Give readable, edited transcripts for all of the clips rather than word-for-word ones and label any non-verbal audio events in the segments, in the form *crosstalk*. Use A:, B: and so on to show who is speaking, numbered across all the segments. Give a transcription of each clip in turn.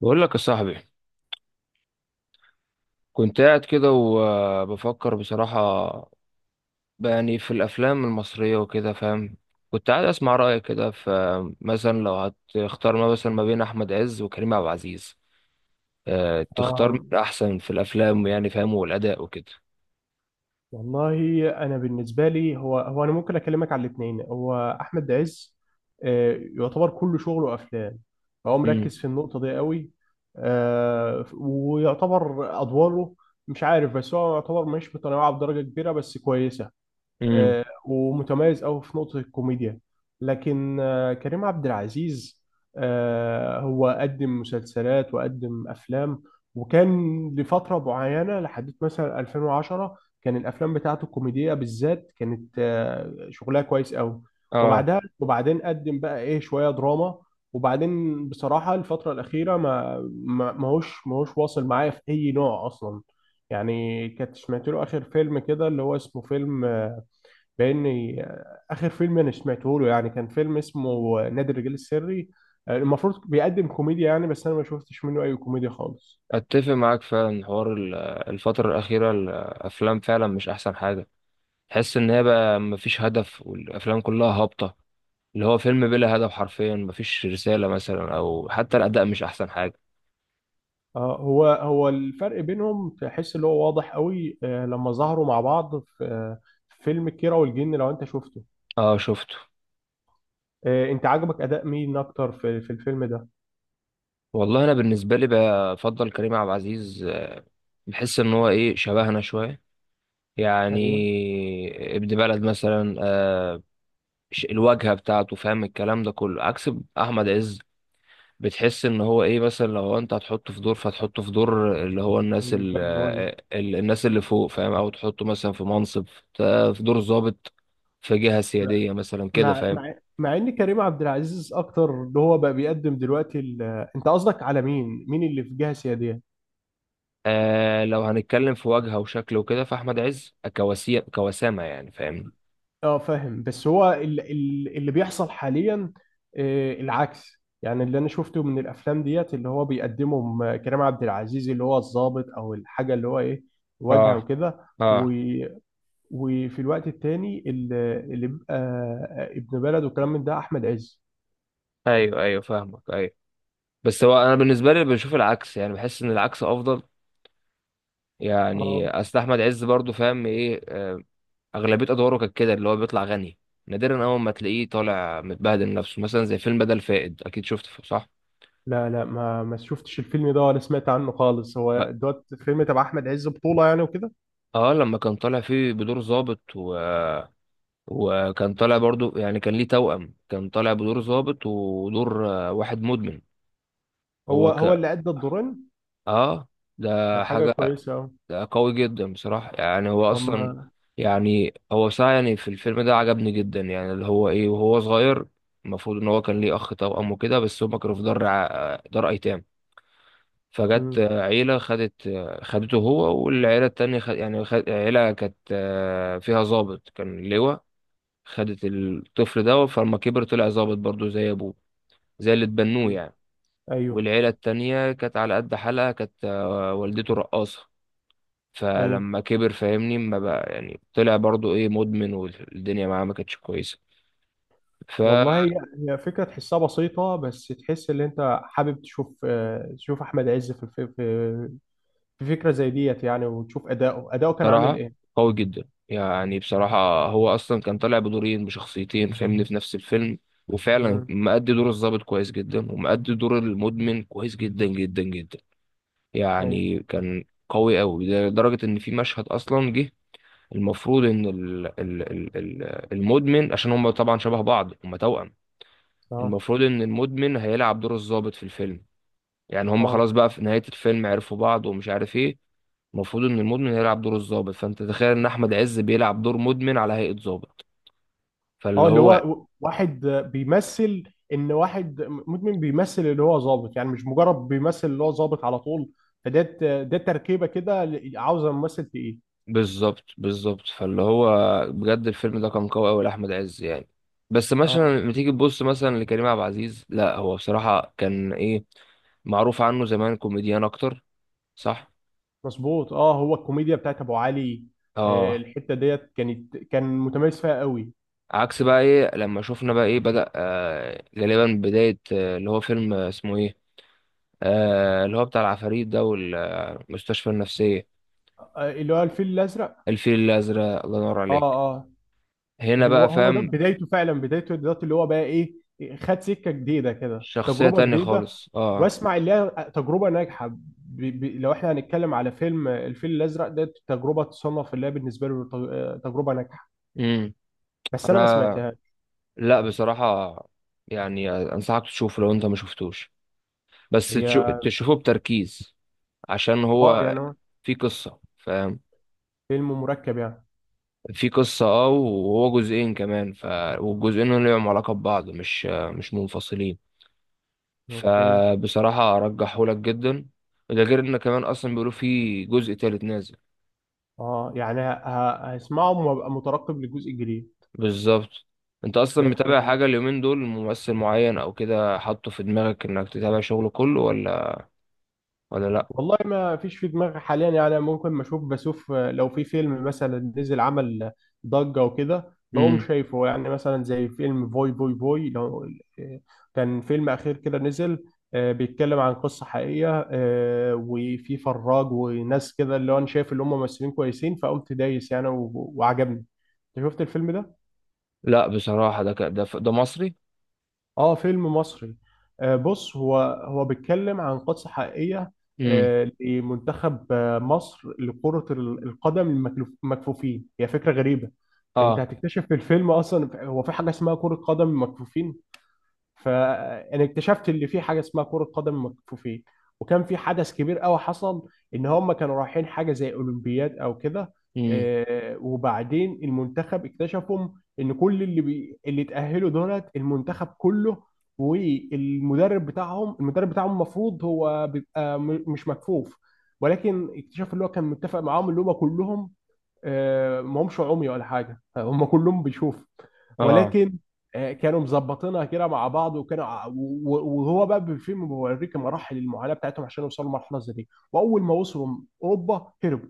A: بقول لك يا صاحبي، كنت قاعد كده وبفكر بصراحة، بقى يعني في الأفلام المصرية وكده فاهم. كنت قاعد أسمع رأيك كده، فمثلا لو هتختار ما مثلا ما بين أحمد عز وكريم عبد العزيز، أه تختار مين
B: آم،
A: أحسن في الأفلام يعني فاهم، والأداء وكده؟
B: والله انا بالنسبه لي هو، انا ممكن اكلمك على الاثنين. هو احمد عز، يعتبر كل شغله افلام. فهو
A: امم.
B: مركز في النقطه دي قوي. ويعتبر ادواره، مش عارف، بس هو يعتبر مش متنوعه بدرجه كبيره بس كويسه.
A: امم.
B: ومتميز قوي في نقطة الكوميديا. لكن كريم عبد العزيز، هو قدم مسلسلات وقدم أفلام. وكان لفترة معينة لحد مثلا 2010، كان الأفلام بتاعته الكوميدية بالذات كانت شغلها كويس قوي.
A: اه.
B: وبعدها وبعدين قدم بقى إيه شوية دراما. وبعدين بصراحة الفترة الأخيرة ما هوش واصل معايا في أي نوع أصلا. يعني كنت سمعت له آخر فيلم كده اللي هو اسمه فيلم، لأن آخر فيلم أنا سمعته له يعني كان فيلم اسمه نادي الرجال السري. المفروض بيقدم كوميديا يعني، بس أنا ما شفتش منه أي كوميديا خالص.
A: أتفق معاك فعلا. حوار الفترة الأخيرة الأفلام فعلا مش أحسن حاجة. تحس إن هي بقى مفيش هدف والأفلام كلها هابطة، اللي هو فيلم بلا هدف حرفيا، مفيش رسالة مثلا أو حتى الأداء مش أحسن حاجة.
B: هو الفرق بينهم تحس اللي هو واضح قوي لما ظهروا مع بعض في فيلم كيرة والجن، لو أنت شفته.
A: اه، شفته.
B: أنت عجبك أداء مين أكتر في الفيلم ده؟
A: والله أنا بالنسبة لي بفضل كريم عبد العزيز، بحس إن هو إيه، شبهنا شوية،
B: ايوه،
A: يعني ابن بلد مثلا، آه، الواجهة بتاعته فاهم الكلام ده كله، عكس أحمد عز. بتحس إن هو إيه، مثلا لو أنت هتحطه في دور فتحطه في دور اللي هو الناس
B: الباد بوي.
A: الناس اللي فوق فاهم، أو تحطه مثلا في منصب، في دور ضابط، في جهة سيادية مثلا كده
B: مع
A: فاهم.
B: مع مع ان كريم عبد العزيز اكتر اللي هو بقى بيقدم دلوقتي ال... انت قصدك على مين اللي في جهه سياديه؟
A: آه لو هنتكلم في وجهه وشكل وكده، فاحمد عز كواسي كوسامه يعني فاهمني.
B: اه فاهم، بس هو اللي بيحصل حاليا العكس. يعني اللي انا شفته من الافلام ديت اللي هو بيقدمهم كريم عبد العزيز اللي هو الضابط او الحاجه اللي هو ايه، واجهه
A: اه،
B: وكده.
A: اه.
B: و- وفي الوقت التاني اللي بيبقى ابن بلد وكلام من ده احمد عز.
A: ايوه ايوه، فاهمك، ايوه. بس هو انا بالنسبه لي بشوف العكس، يعني بحس ان العكس افضل.
B: اه
A: يعني اصل احمد عز برضو فاهم ايه، آه، اغلبيه ادواره كانت كده اللي هو بيطلع غني، نادرا اول ما تلاقيه طالع متبهدل نفسه، مثلا زي فيلم بدل فائد، اكيد شفته صح؟
B: لا لا، ما شفتش الفيلم ده ولا سمعت عنه خالص.
A: ب-
B: هو دوت فيلم تبع احمد عز بطوله يعني وكده؟
A: اه لما كان طالع فيه بدور ظابط وكان طالع برضو، يعني كان ليه توأم، كان طالع بدور ظابط ودور واحد مدمن.
B: هو
A: هو ك
B: هو اللي ادى الدورين؟
A: اه، ده
B: ده حاجه
A: حاجة،
B: كويسه. اه،
A: ده قوي جدا بصراحة. يعني هو
B: طب
A: أصلا، يعني هو بصراحة يعني في الفيلم ده عجبني جدا، يعني اللي هو إيه، وهو صغير المفروض إن هو كان ليه أخ توأم وكده، بس هما كانوا في دار دار أيتام، فجت
B: مم،
A: عيلة خدت، خدته هو والعيلة التانية خد، يعني خد عيلة كانت فيها ضابط كان لواء، خدت الطفل ده، فلما كبر طلع ضابط برضه زي أبوه، زي اللي اتبنوه
B: مم.
A: يعني.
B: ايوه،
A: والعيلة التانية كانت على قد حالها، كانت والدته رقاصة،
B: ايوه.
A: فلما كبر فاهمني ما بقى يعني طلع برضو ايه، مدمن، والدنيا معاه ما كانتش كويسه.
B: والله هي فكره تحسها بسيطه، بس تحس ان انت حابب تشوف تشوف احمد عز في في فكره زي ديت يعني، وتشوف اداؤه كان عامل
A: فبصراحه
B: ايه.
A: قوي جدا، يعني بصراحه هو اصلا كان طالع بدورين بشخصيتين فاهمني في نفس الفيلم، وفعلا
B: امم.
A: مأدي دور الضابط كويس جدا ومأدي دور المدمن كويس جدا جدا جدا.
B: ايوه.
A: يعني كان قوي قوي لدرجه ان في مشهد اصلا جه. المفروض ان ال المدمن، عشان هم طبعا شبه بعض، هم توأم،
B: اه،
A: المفروض ان المدمن هيلعب دور الضابط في الفيلم. يعني هم
B: اه،
A: خلاص بقى في نهاية الفيلم عرفوا بعض ومش عارف ايه، المفروض ان المدمن هيلعب دور الضابط، فانت تخيل ان احمد عز بيلعب دور مدمن على هيئة ضابط. فاللي
B: اه، اللي هو
A: هو
B: واحد بيمثل ان واحد مدمن بيمثل اللي هو ظابط، يعني مش مجرد بيمثل اللي هو ظابط على طول. فده ده تركيبه كده عاوزه ممثل تقيل.
A: بالظبط بالظبط. فاللي هو بجد الفيلم ده كان قوي قوي لاحمد عز يعني. بس
B: اه،
A: مثلا لما تيجي تبص مثلا لكريم عبد العزيز، لا هو بصراحة كان ايه، معروف عنه زمان كوميديان اكتر، صح.
B: مظبوط. اه، هو الكوميديا بتاعت ابو علي،
A: اه.
B: الحته ديت كانت كان متميز فيها قوي.
A: عكس بقى ايه لما شفنا بقى ايه، بدأ آه غالبا بداية آه، اللي هو فيلم آه، اسمه ايه، آه، اللي هو بتاع العفاريت ده والمستشفى النفسية.
B: اللي هو الفيل الازرق.
A: الفيل الأزرق، الله ينور
B: اه،
A: عليك.
B: اه.
A: هنا
B: هو
A: بقى
B: هو ده
A: فاهم.
B: بدايته فعلا، بدايته دلوقتي اللي هو بقى ايه، خد سكه جديده كده،
A: شخصية
B: تجربه
A: تانية
B: جديده.
A: خالص، اه.
B: واسمع، اللي هي تجربه ناجحه لو احنا هنتكلم على فيلم الفيل الازرق ده، تجربه تصنف اللي هي بالنسبه له تجربه ناجحه.
A: امم.
B: بس انا ما
A: انا،
B: سمعتهاش.
A: لا بصراحة يعني انصحك تشوفه لو انت ما شفتوش، بس
B: هي
A: تشوفه بتركيز، عشان
B: اه،
A: هو
B: يعني هو
A: في قصة فاهم،
B: فيلم مركب يعني.
A: في قصة، اه، وهو جزئين كمان والجزئين لهم علاقة ببعض، مش منفصلين.
B: اوكي.
A: فبصراحة أرجحه لك جدا، ده غير إن كمان أصلا بيقولوا فيه جزء تالت نازل.
B: اه، يعني هسمعه وابقى مترقب للجزء الجديد.
A: بالظبط. أنت أصلا
B: ده
A: متابع
B: حاجه.
A: حاجة اليومين دول، ممثل معين أو كده حاطه في دماغك إنك تتابع شغله كله، ولا ولا لأ؟
B: والله ما فيش في دماغي حاليا يعني، ممكن ما اشوف، بشوف لو في فيلم مثلا نزل عمل ضجة وكده بقوم
A: مم.
B: شايفه يعني، مثلا زي فيلم فوي فوي فوي. لو كان فيلم أخير كده نزل، بيتكلم عن قصة حقيقية، وفي فراج وناس كده اللي هو أنا شايف اللي هم ممثلين كويسين فقمت دايس يعني وعجبني. أنت شفت الفيلم ده؟
A: لأ بصراحة. ده ك... ده ف... ده مصري؟
B: اه، فيلم مصري. آه بص، هو هو بيتكلم عن قصة حقيقية
A: مم.
B: لمنتخب مصر لكرة القدم، المكفوفين. هي فكرة غريبة. انت
A: آه.
B: هتكتشف في الفيلم اصلا هو في حاجة اسمها كرة قدم مكفوفين. فانا اكتشفت ان في حاجه اسمها كره قدم مكفوفين. وكان في حدث كبير قوي حصل، ان هم كانوا رايحين حاجه زي اولمبياد او كده.
A: مم.
B: وبعدين المنتخب اكتشفوا ان كل اللي اللي اتاهلوا دولت المنتخب كله، والمدرب بتاعهم المدرب بتاعهم المفروض هو بيبقى مش مكفوف. ولكن اكتشفوا اللي هو كان متفق معاهم اللي هم كلهم ما همش عمي ولا حاجه *laughs* هم كلهم بيشوفوا.
A: آه.
B: ولكن كانوا مظبطينها كده مع بعض. وكانوا وهو بقى بالفيلم بيوريك مراحل المعاناه بتاعتهم عشان يوصلوا لمرحله زي دي. واول ما وصلوا اوروبا، هربوا.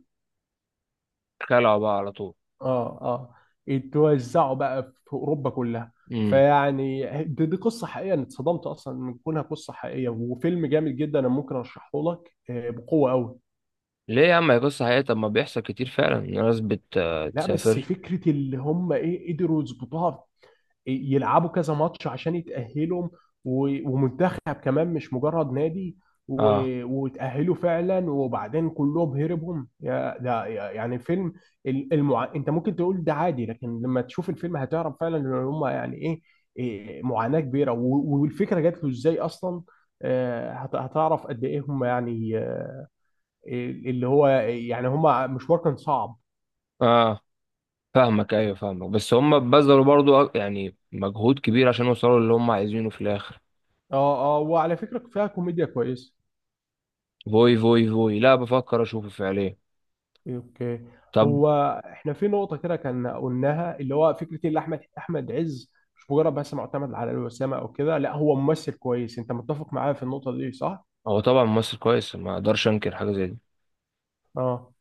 A: خلعوا بقى على طول.
B: اه، اه. اتوزعوا بقى في اوروبا كلها.
A: مم.
B: فيعني دي قصه حقيقيه. انا اتصدمت اصلا من كونها قصه حقيقيه، وفيلم جامد جدا. انا ممكن ارشحه لك بقوه قوي.
A: ليه يا عم، هي قصة حقيقية، طب ما بيحصل كتير فعلا إن ناس
B: لا بس
A: بتسافر.
B: فكره اللي هم ايه قدروا يظبطوها، يلعبوا كذا ماتش عشان يتأهلوا، ومنتخب كمان مش مجرد نادي.
A: آه.
B: وتأهلوا فعلا، وبعدين كلهم هربهم يا ده يعني فيلم انت ممكن تقول ده عادي، لكن لما تشوف الفيلم هتعرف فعلا ان هم يعني ايه، إيه معاناة كبيرة والفكرة جات له ازاي اصلا. هتعرف قد ايه هم يعني اللي هو يعني هم مشوار كان صعب.
A: آه، فاهمك، ايوه، فاهمك. بس هم بذلوا برضو يعني مجهود كبير عشان يوصلوا اللي هم عايزينه في الاخر.
B: اه، اه، وعلى فكرة فيها كوميديا كويسة.
A: فوي فوي فوي، لا بفكر اشوفه فعليا.
B: اوكي.
A: طب.
B: هو احنا في نقطة كده كان قلناها، اللي هو فكرة إيه اللي احمد عز مش مجرد بس معتمد على الوسامة او كده. لا هو ممثل كويس، انت متفق معايا في النقطة دي صح؟
A: هو طبعا ممثل كويس، ما اقدرش انكر حاجه زي دي.
B: اه.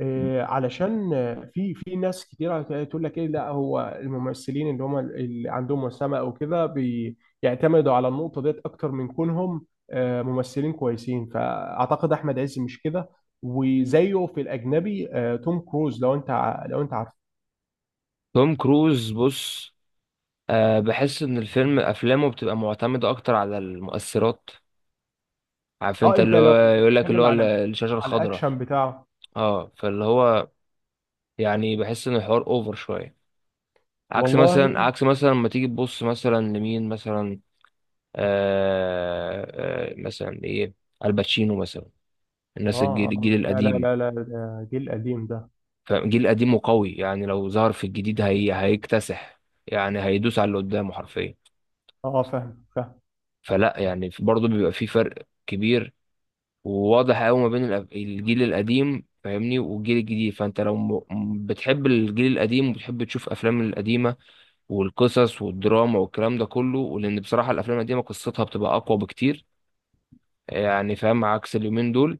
B: إيه علشان في ناس كتيرة تقول لك ايه، لا هو الممثلين اللي هم اللي عندهم وسامة او كده بيعتمدوا على النقطة ديت اكتر من كونهم ممثلين كويسين. فاعتقد احمد عز مش كده. وزيه في الاجنبي توم كروز. لو انت
A: توم كروز، بص، أه بحس ان الفيلم افلامه بتبقى معتمده اكتر على المؤثرات، عارف
B: اه
A: انت
B: انت
A: اللي هو
B: لو
A: يقول لك اللي
B: بتتكلم
A: هو
B: على
A: الشاشه
B: على
A: الخضراء.
B: الاكشن بتاعه.
A: اه، فاللي هو يعني بحس ان الحوار اوفر شويه، عكس
B: والله.
A: مثلا، عكس مثلا لما تيجي تبص مثلا لمين مثلا، آه، مثلا ايه، الباتشينو مثلا، الناس
B: اه،
A: الجيل الجيل
B: اه، لا لا
A: القديم.
B: لا لا، ده جيل قديم ده.
A: فالجيل القديم وقوي، يعني لو ظهر في الجديد هي هيكتسح، يعني هيدوس على اللي قدامه حرفيا.
B: اه، فاهم فاهم.
A: فلا يعني برضه بيبقى في فرق كبير وواضح قوي ما بين الجيل القديم فاهمني والجيل الجديد. فانت لو بتحب الجيل القديم وبتحب تشوف افلام القديمه والقصص والدراما والكلام ده كله، ولان بصراحه الافلام القديمه قصتها بتبقى اقوى بكتير، يعني فاهم، عكس اليومين دول،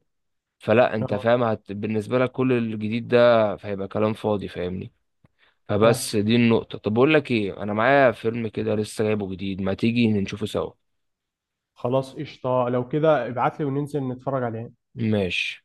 A: فلا انت
B: اه
A: فاهم بالنسبه لك كل الجديد ده فهيبقى كلام فاضي فاهمني.
B: فاهم.
A: فبس دي النقطه. طب اقول لك ايه، انا معايا فيلم كده لسه جايبه جديد، ما تيجي نشوفه سوا؟
B: خلاص قشطه، لو كده ابعت لي وننزل نتفرج عليه.
A: ماشي.